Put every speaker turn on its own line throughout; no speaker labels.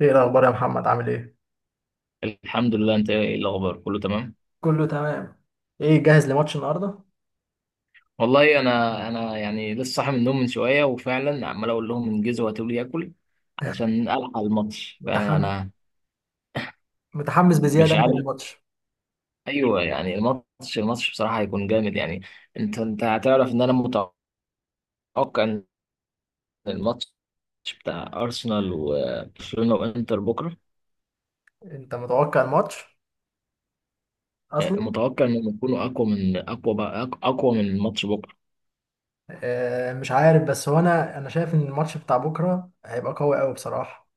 ايه الاخبار يا محمد؟ عامل ايه؟
الحمد لله. انت ايه الاخبار؟ كله تمام؟
كله تمام. ايه، جاهز لماتش النهارده؟
والله انا يعني لسه صاحي من النوم من شويه، وفعلا عمال اقول لهم انجزوا هاتوا لي اكل علشان الحق الماتش.
متحمس؟
فانا
متحمس بزياده
مش
انت
عارف.
للماتش؟
ايوه يعني الماتش بصراحه هيكون جامد يعني. انت هتعرف ان انا متوقع ان الماتش بتاع ارسنال وبرشلونه وانتر بكره.
انت متوقع الماتش اصلا؟
اه، متوقع انهم يكونوا اقوى من اقوى، بقى اقوى من الماتش بكره.
آه مش عارف، بس هو انا شايف ان الماتش بتاع بكره هيبقى قوي قوي بصراحه.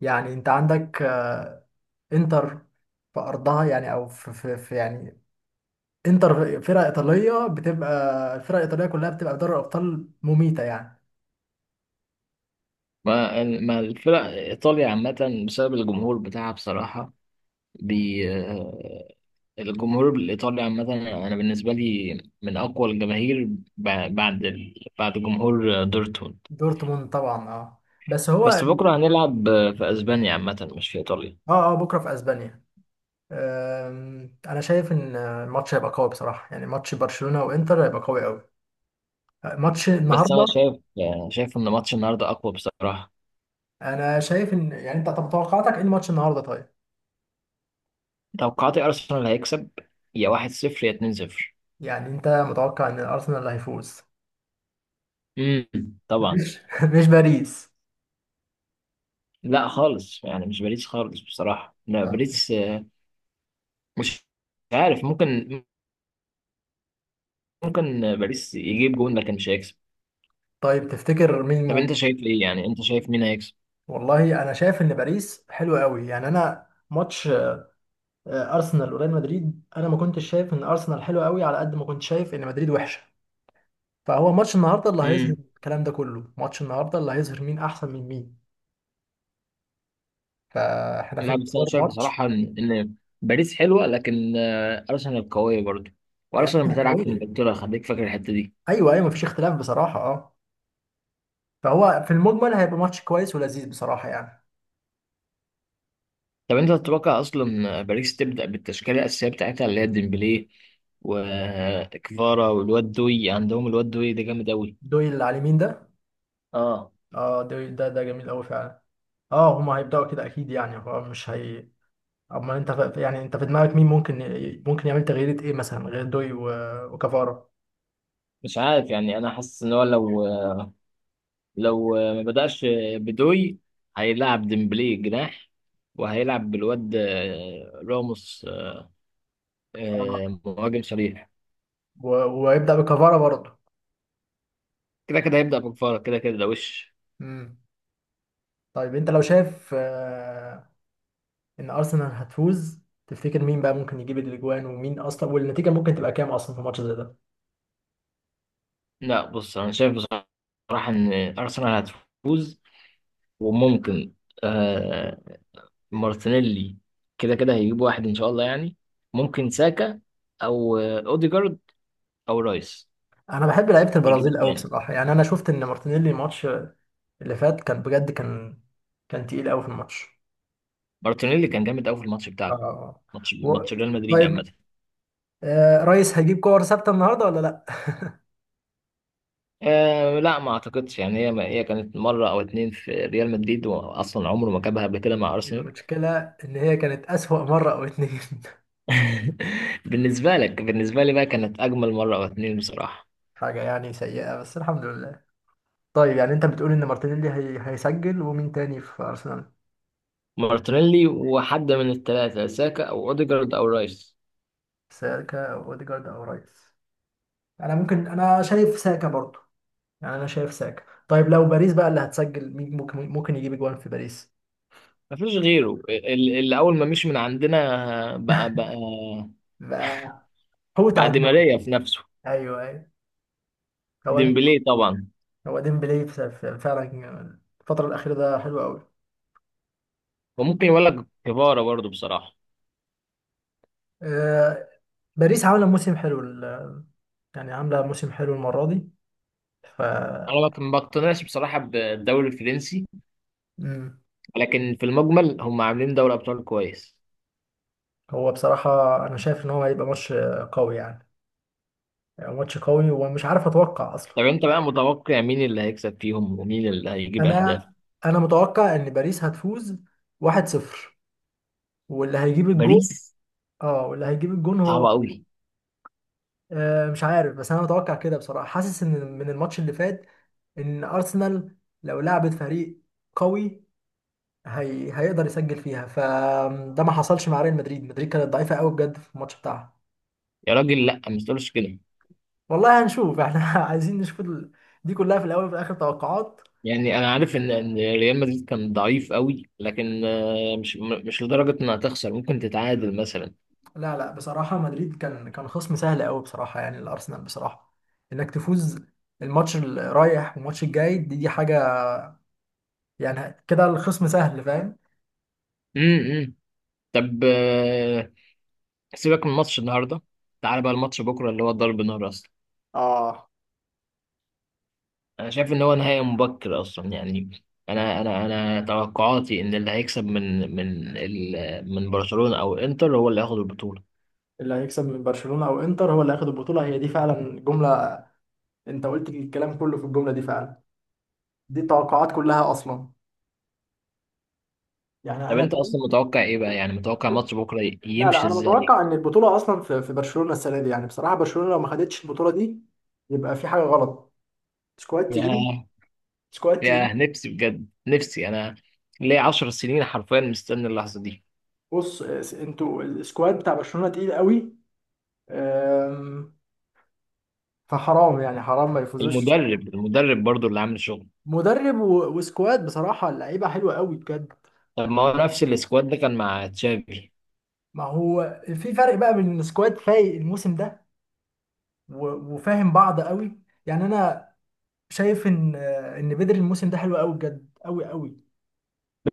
يعني انت عندك انتر في ارضها، يعني او في يعني انتر فرقه ايطاليه، بتبقى الفرق الايطاليه كلها بتبقى في دوري الابطال مميته يعني.
ما الفرق ايطاليا عامه بسبب الجمهور بتاعها بصراحه. بي آه، الجمهور الإيطالي عامة، أنا بالنسبة لي من أقوى الجماهير بعد جمهور دورتموند.
دورتموند طبعا، اه. بس هو اه.
بس بكرة هنلعب في أسبانيا عامة، مش في إيطاليا.
اه، بكره في اسبانيا. انا شايف ان الماتش هيبقى قوي بصراحه، يعني ماتش برشلونه وانتر هيبقى قوي قوي. ماتش
بس
النهارده،
أنا شايف، شايف إن ماتش النهاردة أقوى بصراحة.
انا شايف ان يعني انت، طب توقعاتك ايه الماتش النهارده؟ طيب،
توقعاتي أرسنال هيكسب، يا 1-0 يا 2-0.
يعني انت متوقع ان الارسنال اللي هيفوز؟
امم، طبعا.
مش مش باريس؟
لا خالص، يعني مش باريس خالص بصراحة. لا،
طب-
باريس مش عارف. ممكن، باريس يجيب جون لكن مش هيكسب.
طيب تفتكر مين
طب أنت
ممكن؟
شايف إيه؟ يعني أنت شايف مين هيكسب؟
والله انا شايف ان باريس حلو قوي، يعني انا ماتش ارسنال وريال مدريد، انا ما كنتش شايف ان ارسنال حلو قوي على قد ما كنت شايف ان مدريد وحشه. فهو ماتش النهارده اللي هيظهر
امم.
الكلام ده كله، ماتش النهارده اللي هيظهر مين احسن من مين. فاحنا في
لا، بس انا
انتظار
شايف
ماتش.
بصراحه ان باريس حلوه، لكن ارسنال قويه برضه. وارسنال
يعني
بتلعب في
قوية.
انجلترا، خليك فاكر الحته دي.
ايوه ايوه، مفيش اختلاف بصراحه، اه. فهو في المجمل هيبقى ماتش كويس ولذيذ بصراحه يعني.
طب انت تتوقع اصلا باريس تبدا بالتشكيله الاساسيه بتاعتها، اللي هي ديمبلي وكفارا والواد دوي؟ عندهم الواد دوي ده جامد قوي.
دويل اللي على اليمين ده؟
اه،
اه، دويل ده ده جميل قوي فعلا. اه هما هيبداوا كده اكيد يعني، هو مش هي. اما انت يعني انت في دماغك مين ممكن ممكن يعمل تغييرات ايه مثلا غير دوي وكفارة؟
مش عارف. يعني انا حاسس ان هو لو، ما بداش بدوي، هيلعب ديمبلي جناح، وهيلعب بالواد راموس
آه.
مهاجم صريح.
ويبدا بكفارة برضه.
كده كده هيبدا بكفارا، كده كده ده وش.
امم. طيب انت لو شايف ان ارسنال هتفوز، تفتكر مين بقى ممكن يجيب الاجوان، ومين اصلا، والنتيجه ممكن تبقى كام اصلا في ماتش زي ده؟
لا، بص انا شايف بصراحه ان ارسنال هتفوز، وممكن آه مارتينيلي كده كده هيجيب واحد ان شاء الله يعني. ممكن ساكا، او اوديجارد، او رايس
انا بحب لعيبه
يجيب
البرازيل قوي
الثاني.
بصراحه، يعني انا شفت ان مارتينيلي الماتش اللي فات كان بجد، كان كان تقيل قوي في الماتش.
مارتينيلي كان جامد قوي في الماتش بتاعك،
اه.
ماتش
و...
ماتش ريال مدريد عامه.
طيب، آه رئيس هيجيب كور ثابته النهارده ولا لا؟
آه لا، ما اعتقدش يعني. هي كانت مره او اتنين في ريال مدريد، واصلا عمره ما جابها قبل كده مع ارسنال.
المشكله ان هي كانت اسوأ مره او اتنين.
بالنسبه لك. بالنسبه لي بقى كانت اجمل مره او اتنين بصراحه.
حاجه يعني سيئه، بس الحمد لله. طيب يعني انت بتقول ان مارتينيلي هيسجل، ومين تاني في ارسنال؟
مارتينيلي، وحد من الثلاثة: ساكا أو أوديجارد أو رايس.
ساكا أو اوديجارد او رئيس؟ انا ممكن، انا شايف ساكا برضو. يعني انا شايف ساكا. طيب لو باريس بقى اللي هتسجل، مين ممكن، ممكن يجيب جوان في باريس؟
مفيش غيره، اللي أول ما مشي من عندنا بقى، بقى
بقى هو
بقى دي
تعجبني.
ماريا في نفسه.
ايوه ايوه. هو انت؟
ديمبلي طبعا.
هو ديمبلي فعلا الفتره الاخيره ده حلو قوي.
وممكن يقول لك كفارة برضه بصراحة.
آه، باريس عامله موسم حلو، يعني عامله موسم حلو المره دي، ف…
أنا ما بقتنعش بصراحة بالدوري الفرنسي،
مم.
لكن في المجمل هم عاملين دوري أبطال كويس.
هو بصراحه انا شايف ان هو هيبقى ماتش قوي، يعني ماتش قوي ومش عارف اتوقع اصلا.
طب أنت بقى متوقع مين اللي هيكسب فيهم، ومين اللي هيجيب أهداف؟
انا، انا متوقع ان باريس هتفوز 1-0، واللي هيجيب الجول،
باريس؟
اه، واللي هيجيب الجون هو.
صعبة أوي.
آه مش عارف، بس انا متوقع كده بصراحه. حاسس ان من الماتش اللي فات ان ارسنال لو لعبت فريق قوي، هيقدر يسجل فيها، فده ما حصلش مع ريال مدريد. مدريد كانت ضعيفه قوي بجد في الماتش بتاعها.
يا راجل، لا ما تقولش كده.
والله هنشوف. احنا عايزين نشوف دي كلها في الاول وفي الاخر توقعات.
يعني انا عارف ان ريال مدريد كان ضعيف قوي، لكن مش، مش لدرجه انها تخسر. ممكن تتعادل مثلا.
لا لا بصراحه، مدريد كان كان خصم سهل قوي بصراحه، يعني الارسنال بصراحه انك تفوز الماتش الرايح والماتش الجاي، دي حاجه. يعني كده الخصم سهل، فاهم.
إمم. طب سيبك من ماتش النهارده، تعال بقى الماتش بكره اللي هو ضرب نار اصلا.
اه.
انا شايف ان هو نهائي مبكر اصلا يعني. انا توقعاتي ان اللي هيكسب من برشلونه او انتر هو اللي هياخد البطوله.
اللي هيكسب من برشلونة او انتر هو اللي هياخد البطولة، هي دي فعلا جملة. انت قلت الكلام كله في الجملة دي فعلا. دي التوقعات كلها اصلا. يعني
طب
انا
انت اصلا
شايف-
متوقع ايه بقى؟ يعني متوقع ماتش بكره
لا لا،
يمشي
انا
ازاي؟
متوقع ان البطولة اصلا في في برشلونة السنة دي. يعني بصراحة برشلونة لو ما خدتش البطولة دي، يبقى في حاجة غلط. سكواد تقيل. سكواد تقيل.
يا نفسي بجد، نفسي انا ليا 10 سنين حرفيا مستني اللحظه دي.
بص انتوا السكواد بتاع برشلونة تقيل قوي. آم، فحرام يعني، حرام ما يفوزوش.
المدرب برضو اللي عامل شغل.
مدرب وسكواد بصراحة، اللعيبة حلوة قوي بجد.
طب ما هو نفس السكواد ده كان مع تشافي.
ما هو في فرق بقى بين سكواد فايق الموسم ده، وفاهم بعض قوي. يعني انا شايف ان ان بدري الموسم ده حلو قوي بجد، قوي قوي.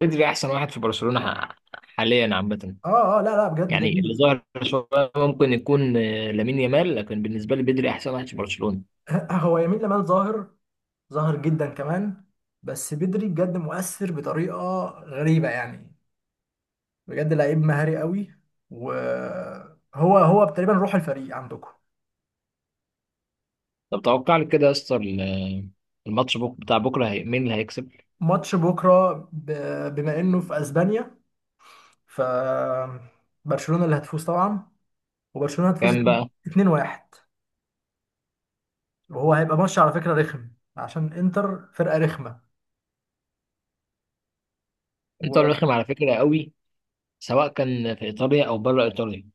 بدري احسن واحد في برشلونه حاليا عامه.
اه اه، لا لا بجد
يعني اللي
جميل.
ظاهر شويه ممكن يكون لامين يامال، لكن بالنسبه لي بدري احسن واحد في برشلونه.
هو يمين لمال ظاهر، ظاهر جدا كمان. بس بدري بجد مؤثر بطريقة غريبة يعني. بجد لعيب مهاري قوي. وهو هو تقريبا روح الفريق عندكم.
طب توقع لي كده يا اسطى، الماتش بتاع بكره، مين اللي هيكسب؟
ماتش بكرة، بما انه في اسبانيا ف… برشلونة اللي هتفوز طبعا. وبرشلونة هتفوز
كام بقى؟
2-1، وهو هيبقى ماتش على فكرة رخم، عشان انتر فرقة رخمة.
انتر رخم
وانا
على فكره قوي، سواء كان في ايطاليا او بره ايطاليا.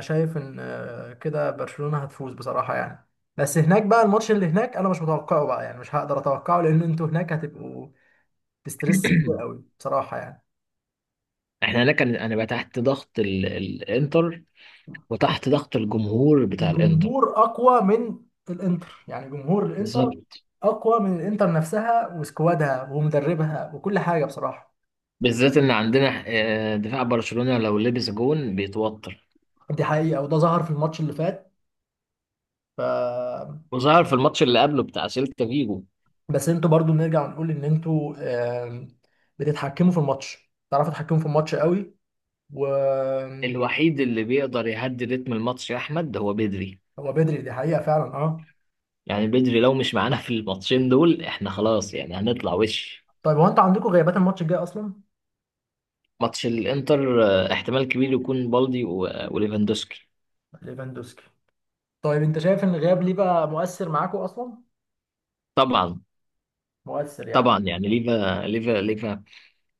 شايف ان كده برشلونة هتفوز بصراحة يعني. بس هناك بقى، الماتش اللي هناك انا مش متوقعه بقى، يعني مش هقدر اتوقعه، لان انتوا هناك هتبقوا في ستريس كتير قوي بصراحة يعني.
احنا هناك، انا بقى تحت ضغط الانتر، وتحت ضغط الجمهور بتاع الانتر.
الجمهور اقوى من الانتر، يعني جمهور الانتر
بالظبط.
اقوى من الانتر نفسها وسكوادها ومدربها وكل حاجة بصراحة.
بالذات ان عندنا دفاع برشلونة لو لبس جون بيتوتر.
دي حقيقة، وده ظهر في الماتش اللي فات، ف…
وظهر في الماتش اللي قبله بتاع سيلتا فيجو.
بس انتوا برضو نرجع نقول ان انتوا آم، بتتحكموا في الماتش، تعرفوا تتحكموا في الماتش قوي. و…
الوحيد اللي بيقدر يهدي رتم الماتش يا احمد هو بدري.
هو بدري، دي حقيقة فعلا، اه.
يعني بدري لو مش معانا في الماتشين دول احنا خلاص، يعني هنطلع وش.
طيب هو انتوا عندكم غيابات الماتش الجاي اصلا؟
ماتش الانتر، احتمال كبير يكون بالدي وليفاندوسكي.
ليفاندوسكي. طيب انت شايف ان الغياب ليه بقى مؤثر معاكم اصلا؟
طبعا.
مؤثر يعني.
طبعا، يعني ليفا.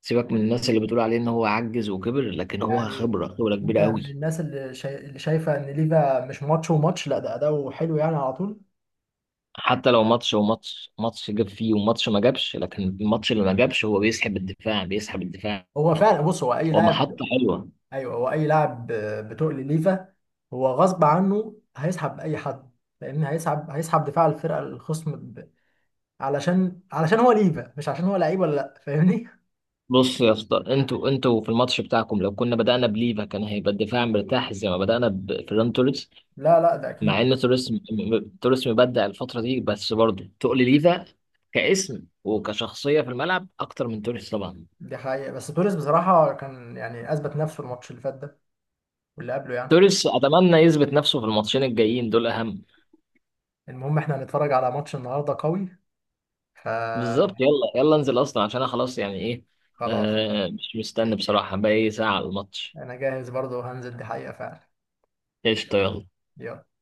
سيبك من الناس اللي بتقول عليه ان هو عجز وكبر، لكن هو
يعني
خبرة، خبرة
انت
كبيرة قوي.
من الناس اللي، اللي شايفة ان ليفا مش ماتش وماتش، لا ده اداؤه حلو يعني على طول.
حتى لو ماتش، هو ماتش. ماتش جاب فيه وماتش ما جابش، لكن الماتش اللي ما جابش هو بيسحب الدفاع، بيسحب الدفاع.
هو فعلا، بص، هو اي
هو
لاعب.
محطة حلوة.
ايوه، هو اي لاعب بتقل ليفا هو غصب عنه هيسحب اي حد، لان هيسحب، هيسحب دفاع الفرقه الخصم علشان هو ليفا، مش عشان هو لعيب ولا لا، فاهمني.
بص يا اسطى، انتوا في الماتش بتاعكم لو كنا بدأنا بليفا كان هيبقى الدفاع مرتاح، زي ما بدأنا بفيران توريس.
لا لا، ده
مع
اكيد.
ان توريس، توريس مبدع الفترة دي، بس برضه تقل ليفا كاسم وكشخصية في الملعب اكتر من توريس طبعا.
دي حقيقه، بس توريس بصراحه كان يعني اثبت نفسه الماتش اللي فات ده واللي قبله يعني.
توريس اتمنى يثبت نفسه في الماتشين الجايين دول اهم.
المهم احنا هنتفرج على ماتش النهارده قوي،
بالظبط.
فخلاص.
يلا يلا انزل اصلا، عشان انا خلاص يعني ايه. مش مستني بصراحة، باقي ساعة على الماتش.
انا جاهز برضه وهنزل، دي حقيقه فعلا.
قشطة، يلا.
يلا.